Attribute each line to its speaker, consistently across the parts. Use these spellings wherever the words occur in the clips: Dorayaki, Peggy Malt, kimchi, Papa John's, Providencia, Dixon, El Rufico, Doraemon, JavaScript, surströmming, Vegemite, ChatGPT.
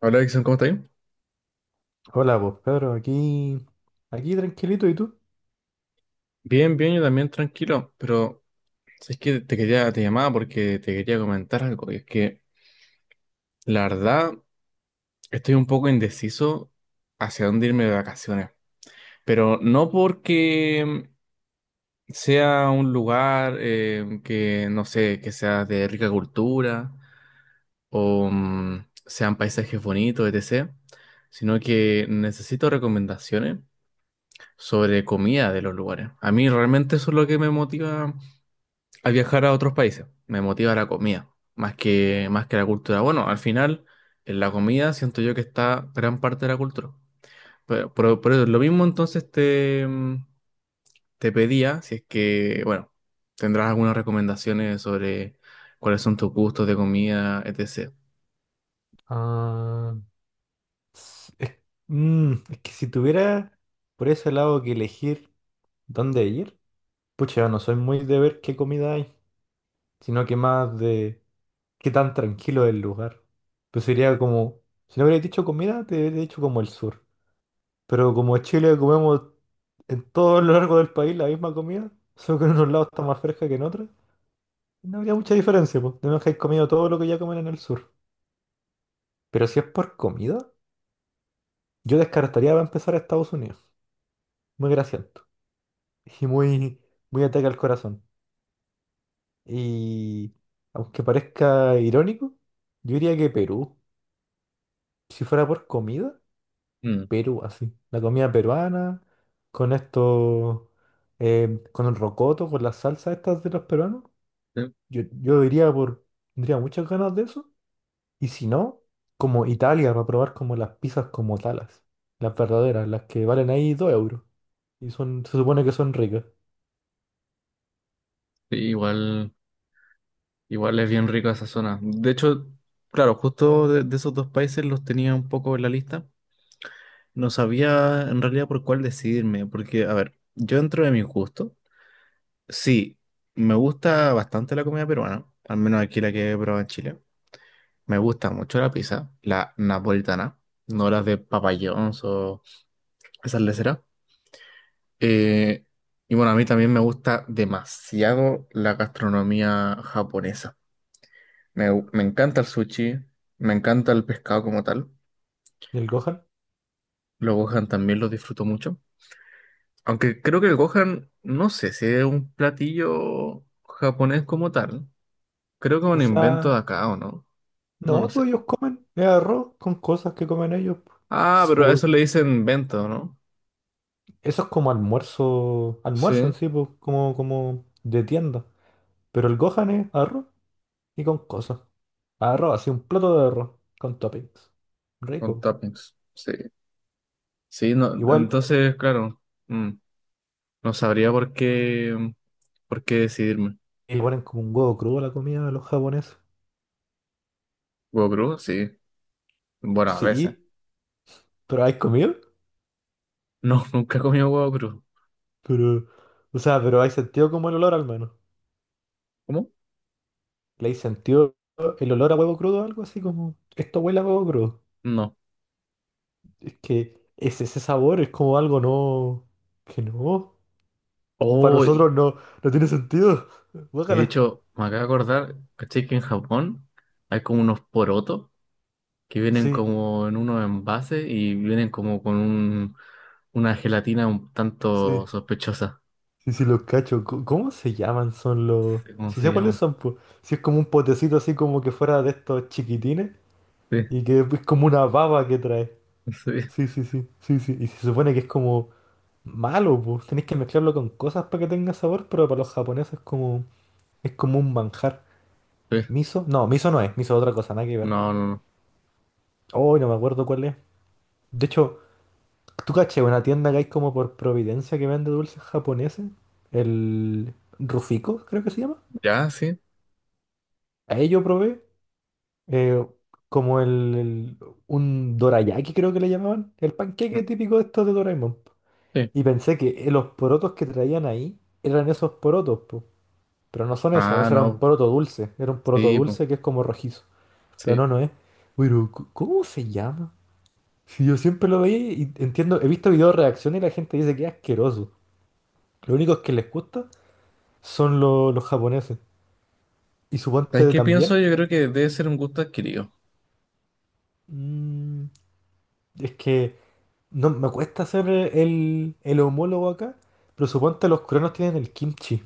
Speaker 1: Hola, Dixon, ¿cómo estás?
Speaker 2: Hola, pues Pedro, aquí, tranquilito, ¿y tú?
Speaker 1: Bien, bien, yo también tranquilo, pero es que te llamaba porque te quería comentar algo, y es que la verdad estoy un poco indeciso hacia dónde irme de vacaciones, pero no porque sea un lugar que, no sé, que sea de rica cultura o sean paisajes bonitos, etc., sino que necesito recomendaciones sobre comida de los lugares. A mí realmente eso es lo que me motiva al viajar a otros países. Me motiva la comida, más que la cultura. Bueno, al final, en la comida siento yo que está gran parte de la cultura. Pero lo mismo entonces te pedía, si es que, bueno, tendrás algunas recomendaciones sobre cuáles son tus gustos de comida, etc.
Speaker 2: Ah, s- es, es que si tuviera por ese lado que elegir dónde ir, pucha, yo no soy muy de ver qué comida hay, sino que más de qué tan tranquilo es el lugar. Pues sería como, si no hubiera dicho comida, te hubiera dicho como el sur. Pero como en Chile comemos en todo lo largo del país la misma comida, solo que en unos lados está más fresca que en otros, no habría mucha diferencia, pues, de menos que hayas comido todo lo que ya comen en el sur. Pero si es por comida, yo descartaría para empezar a Estados Unidos. Muy grasiento. Y muy ataque al corazón. Y aunque parezca irónico, yo diría que Perú. Si fuera por comida,
Speaker 1: Mm,
Speaker 2: Perú, así. La comida peruana, con esto, con el rocoto, con las salsas estas de los peruanos.
Speaker 1: sí,
Speaker 2: Yo diría por, tendría muchas ganas de eso. Y si no, como Italia, para probar como las pizzas como talas. Las verdaderas, las que valen ahí 2 euros. Y son, se supone que son ricas.
Speaker 1: sí, igual es bien rica esa zona. De hecho, claro, justo de esos dos países los tenía un poco en la lista. No sabía en realidad por cuál decidirme, porque, a ver, yo dentro de mis gustos sí, me gusta bastante la comida peruana, al menos aquí la que he probado en Chile. Me gusta mucho la pizza, la napolitana, no las de Papa John's o esas leceras. Eh, y bueno, a mí también me gusta demasiado la gastronomía japonesa. Me encanta el sushi, me encanta el pescado como tal.
Speaker 2: ¿Y el Gohan?
Speaker 1: Los gohan también los disfruto mucho. Aunque creo que el gohan, no sé si es un platillo japonés como tal. Creo que es
Speaker 2: O
Speaker 1: un invento de
Speaker 2: sea,
Speaker 1: acá o no. No lo
Speaker 2: no,
Speaker 1: sé.
Speaker 2: pues ellos comen. Es arroz con cosas que comen ellos. Po.
Speaker 1: Ah,
Speaker 2: Es
Speaker 1: pero a
Speaker 2: como,
Speaker 1: eso le dicen invento, ¿no?
Speaker 2: eso es como almuerzo. Almuerzo en
Speaker 1: Sí,
Speaker 2: sí, pues, como, como de tienda. Pero el Gohan es arroz y con cosas. Arroz, así un plato de arroz con toppings.
Speaker 1: con
Speaker 2: Rico.
Speaker 1: toppings. Sí. Sí, no,
Speaker 2: Igual,
Speaker 1: entonces, claro, mm, no sabría por qué, por qué decidirme.
Speaker 2: igual es como un huevo crudo a la comida de los japoneses.
Speaker 1: ¿Huevo crudo? Sí. Bueno, a veces.
Speaker 2: Sí, pero ¿hay comido?
Speaker 1: No, nunca he comido huevo crudo.
Speaker 2: Pero, o sea, pero hay sentido como el olor al menos.
Speaker 1: ¿Cómo?
Speaker 2: ¿Le hay sentido el olor a huevo crudo? Algo así como, esto huele a huevo crudo.
Speaker 1: No.
Speaker 2: Es que es ese sabor, es como algo no, que no. Para
Speaker 1: Oh, y
Speaker 2: nosotros no, no tiene sentido.
Speaker 1: de
Speaker 2: Guácala.
Speaker 1: hecho, me acabo de acordar, ¿cachai que en Japón hay como unos porotos que vienen
Speaker 2: Sí,
Speaker 1: como en unos envases y vienen como con un, una gelatina un tanto
Speaker 2: sí,
Speaker 1: sospechosa?
Speaker 2: sí, sí, los cacho. Co- ¿Cómo se llaman? Son los...
Speaker 1: No sé, ¿cómo
Speaker 2: Si
Speaker 1: se
Speaker 2: sé cuáles
Speaker 1: llama?
Speaker 2: son, pues. Si es como un potecito así como que fuera de estos chiquitines
Speaker 1: Sí,
Speaker 2: y que es como una baba que trae.
Speaker 1: sí,
Speaker 2: Sí, sí, sí, sí, sí. Y se supone que es como... Malo, pues. Tenéis que mezclarlo con cosas para que tenga sabor, pero para los japoneses es como un manjar.
Speaker 1: sí.
Speaker 2: ¿Miso? No, miso no es. Miso es otra cosa, nada que ver.
Speaker 1: No, no, no.
Speaker 2: Hoy no me acuerdo cuál es. De hecho, ¿tú caché una tienda que hay como por Providencia que vende dulces japoneses? El Rufico, creo que se llama.
Speaker 1: ¿Ya? Sí.
Speaker 2: Ahí yo probé eh, como un dorayaki, creo que le llamaban. El
Speaker 1: Mm.
Speaker 2: panqueque típico de estos de Doraemon. Po.
Speaker 1: Sí.
Speaker 2: Y pensé que los porotos que traían ahí eran esos porotos, pero no son eso,
Speaker 1: Ah,
Speaker 2: eso era un
Speaker 1: no.
Speaker 2: poroto dulce. Era un poroto
Speaker 1: Sí, pues,
Speaker 2: dulce que es como rojizo. Pero
Speaker 1: sí.
Speaker 2: no, no es. Pero, ¿cómo se llama? Si yo siempre lo veía y entiendo, he visto videos de reacción y la gente dice que es asqueroso. Lo único que les gusta son los japoneses. Y
Speaker 1: ¿Sabes
Speaker 2: suponte
Speaker 1: qué pienso?
Speaker 2: también.
Speaker 1: Yo creo que debe ser un gusto adquirido.
Speaker 2: mm, es que no me cuesta hacer el homólogo acá, pero suponte los coreanos tienen el kimchi.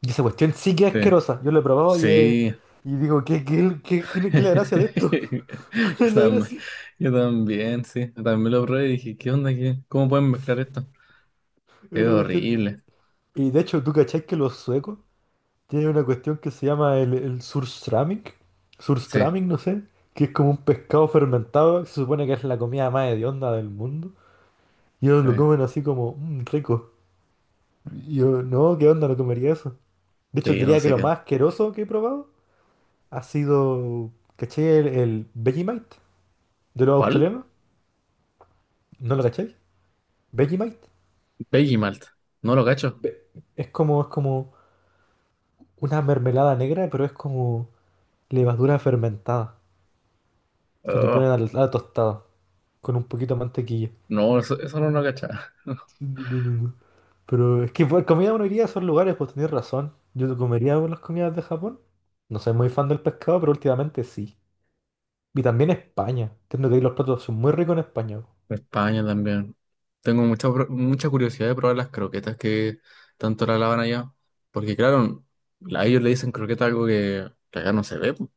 Speaker 2: Y esa cuestión sí que es
Speaker 1: Sí.
Speaker 2: asquerosa. Yo lo he probado
Speaker 1: Sí.
Speaker 2: y digo, ¿ qué es la gracia de esto? ¿Cuál
Speaker 1: Yo
Speaker 2: es la
Speaker 1: también,
Speaker 2: gracia?
Speaker 1: yo también, sí. Yo también lo probé y dije, ¿qué onda? ¿Qué? ¿Cómo pueden mezclar esto?
Speaker 2: Es
Speaker 1: Es
Speaker 2: una cuestión de.
Speaker 1: horrible.
Speaker 2: Y de hecho, ¿tú cachás que los suecos tienen una cuestión que se llama el surströmming?
Speaker 1: Sí,
Speaker 2: Surströmming, no sé, que es como un pescado fermentado, que se supone que es la comida más hedionda del mundo. Y ellos
Speaker 1: sí,
Speaker 2: lo comen así como, "Mm, rico". Y yo, no, ¿qué onda? No comería eso. De hecho,
Speaker 1: sí, no
Speaker 2: diría que
Speaker 1: sé
Speaker 2: lo
Speaker 1: qué.
Speaker 2: más asqueroso que he probado ha sido, ¿cachai? El Vegemite de los
Speaker 1: ¿Cuál?
Speaker 2: australianos. ¿No lo cacháis? Vegemite.
Speaker 1: Peggy Malt. No lo cacho.
Speaker 2: Ve- es como una mermelada negra, pero es como levadura fermentada. Que le
Speaker 1: Oh,
Speaker 2: ponen a la tostada con un poquito de mantequilla.
Speaker 1: no, eso no lo cachaba.
Speaker 2: Pero es que por comida uno iría a esos lugares, pues tenés razón. Yo comería las comidas de Japón. No soy muy fan del pescado, pero últimamente sí. Y también España. Tengo que ir, los platos son muy ricos en España. Po.
Speaker 1: España también. Tengo mucha curiosidad de probar las croquetas que tanto la lavan allá. Porque claro, a ellos le dicen croqueta algo que acá no se ve. Po.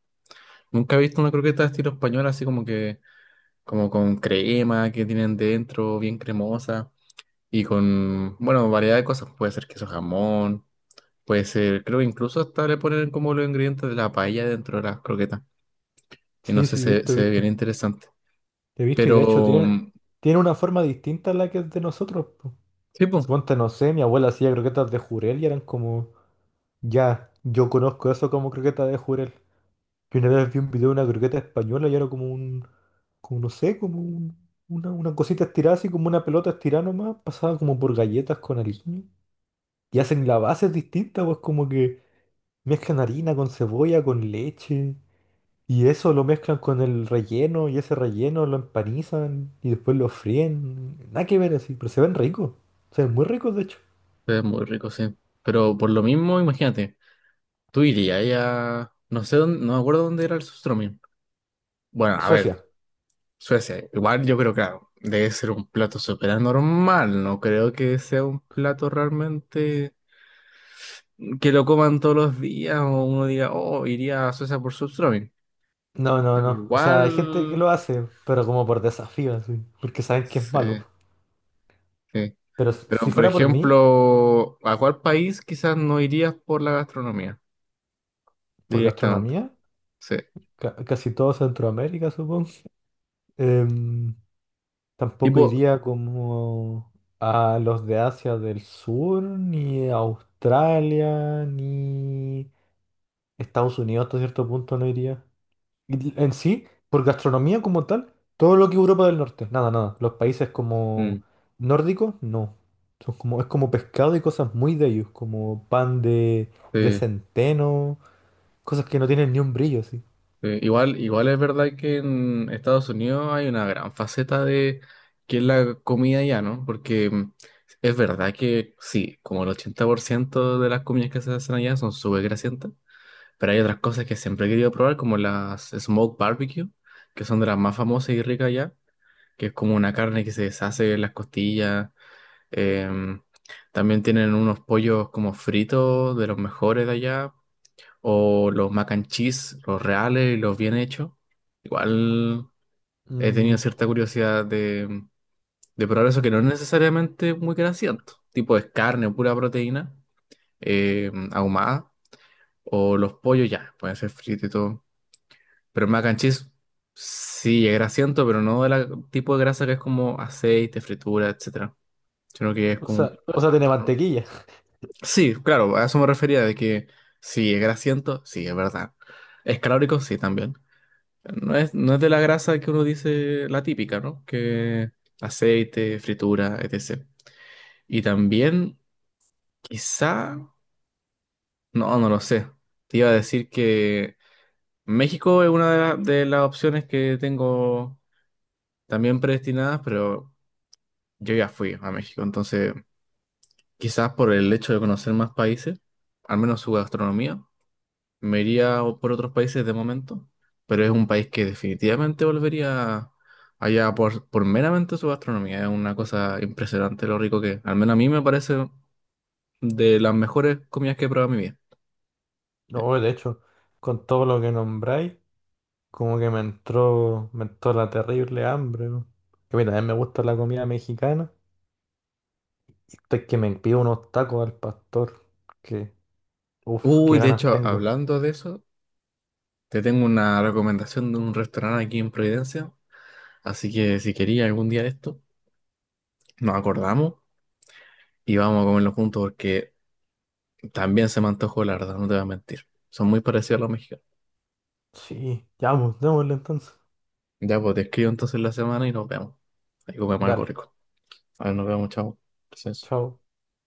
Speaker 1: Nunca he visto una croqueta de estilo español así como que, como con crema que tienen dentro, bien cremosa. Y con, bueno, variedad de cosas. Puede ser queso jamón, puede ser, creo que incluso hasta le ponen como los ingredientes de la paella dentro de las croquetas. Y no
Speaker 2: Sí,
Speaker 1: sé,
Speaker 2: sí,
Speaker 1: se,
Speaker 2: visto,
Speaker 1: se ve bien
Speaker 2: visto.
Speaker 1: interesante.
Speaker 2: He visto y de hecho
Speaker 1: Pero,
Speaker 2: tienen,
Speaker 1: mm,
Speaker 2: tienen una forma distinta a la que es de nosotros. Po.
Speaker 1: sí, pues,
Speaker 2: Suponte, no sé, mi abuela hacía croquetas de jurel y eran como, ya, yo conozco eso como croquetas de jurel. Que una vez vi un video de una croqueta española y era como un, como no sé, una cosita estirada, así como una pelota estirada nomás, pasada como por galletas con harina. Y hacen la base distinta, pues como que mezclan harina con cebolla, con leche. Y eso lo mezclan con el relleno y ese relleno lo empanizan y después lo fríen. Nada que ver así, pero se ven ricos. Se ven muy ricos, de hecho.
Speaker 1: se ve muy rico, sí. Pero por lo mismo, imagínate, tú irías ahí a... No sé dónde, no me acuerdo dónde era el sustroming. Bueno, a ver,
Speaker 2: Suecia.
Speaker 1: Suecia, igual yo creo, claro, debe ser un plato súper normal. No creo que sea un plato realmente que lo coman todos los días o uno diga, oh, iría a Suecia por sustroming.
Speaker 2: No, no,
Speaker 1: Pero
Speaker 2: no. O sea, hay gente que
Speaker 1: igual,
Speaker 2: lo hace, pero como por desafío, así, porque saben que es
Speaker 1: sí,
Speaker 2: malo.
Speaker 1: sí.
Speaker 2: Pero si
Speaker 1: Pero, por
Speaker 2: fuera por mí...
Speaker 1: ejemplo, ¿a cuál país quizás no irías por la gastronomía
Speaker 2: Por
Speaker 1: directamente?
Speaker 2: gastronomía,
Speaker 1: Sí.
Speaker 2: casi todo Centroamérica, supongo. Em, tampoco
Speaker 1: Tipo,
Speaker 2: iría como a los de Asia del Sur, ni a Australia, ni Estados Unidos hasta cierto punto no iría. Y en sí, por gastronomía como tal, todo lo que Europa del Norte, nada, nada. Los países como
Speaker 1: mm,
Speaker 2: nórdicos, no. Son como, es como pescado y cosas muy de ellos, como pan de
Speaker 1: sí,
Speaker 2: centeno, cosas que no tienen ni un brillo, así.
Speaker 1: sí. Igual, igual es verdad que en Estados Unidos hay una gran faceta de que es la comida ya, ¿no? Porque es verdad que sí, como el 80% de las comidas que se hacen allá son súper grasientas, pero hay otras cosas que siempre he querido probar, como las smoke barbecue, que son de las más famosas y ricas allá, que es como una carne que se deshace en las costillas. Em, También tienen unos pollos como fritos de los mejores de allá, o los mac and cheese, los reales y los bien hechos. Igual he
Speaker 2: Mm.
Speaker 1: tenido cierta curiosidad de probar eso, que no es necesariamente muy grasiento, tipo es carne, pura proteína, ahumada, o los pollos ya, pueden ser fritos y todo. Pero el mac and cheese sí es grasiento, pero no del tipo de grasa que es como aceite, fritura, etcétera, sino que es como un plato de
Speaker 2: O sea, tiene
Speaker 1: pasta, ¿no?
Speaker 2: mantequilla.
Speaker 1: Sí, claro, a eso me refería de que si es grasiento, sí, es verdad. Es calórico, sí, también. No es de la grasa que uno dice la típica, ¿no? Que aceite, fritura, etc. Y también, quizá, no, no lo sé. Te iba a decir que México es una de las opciones que tengo también predestinadas, pero yo ya fui a México, entonces quizás por el hecho de conocer más países, al menos su gastronomía. Me iría por otros países de momento, pero es un país que definitivamente volvería allá por meramente su gastronomía. Es una cosa impresionante lo rico que es. Al menos a mí me parece de las mejores comidas que he probado en mi vida. Eh,
Speaker 2: No, de hecho, con todo lo que nombráis, como que me entró la terrible hambre. Weón. Que mira, a mí me gusta la comida mexicana. Y es que me pido unos tacos al pastor. Que, uff, qué
Speaker 1: Uy, de
Speaker 2: ganas
Speaker 1: hecho,
Speaker 2: tengo.
Speaker 1: hablando de eso, te tengo una recomendación de un restaurante aquí en Providencia. Así que si quería algún día de esto, nos acordamos y vamos a comerlo juntos porque también se me antojó, la verdad, no te voy a mentir. Son muy parecidos a los mexicanos.
Speaker 2: Sí, ya vamos, démosle entonces.
Speaker 1: Ya, pues te escribo entonces la semana y nos vemos. Ahí comemos algo
Speaker 2: Dale,
Speaker 1: rico. A ver, nos vemos, chao. Gracias.
Speaker 2: chao.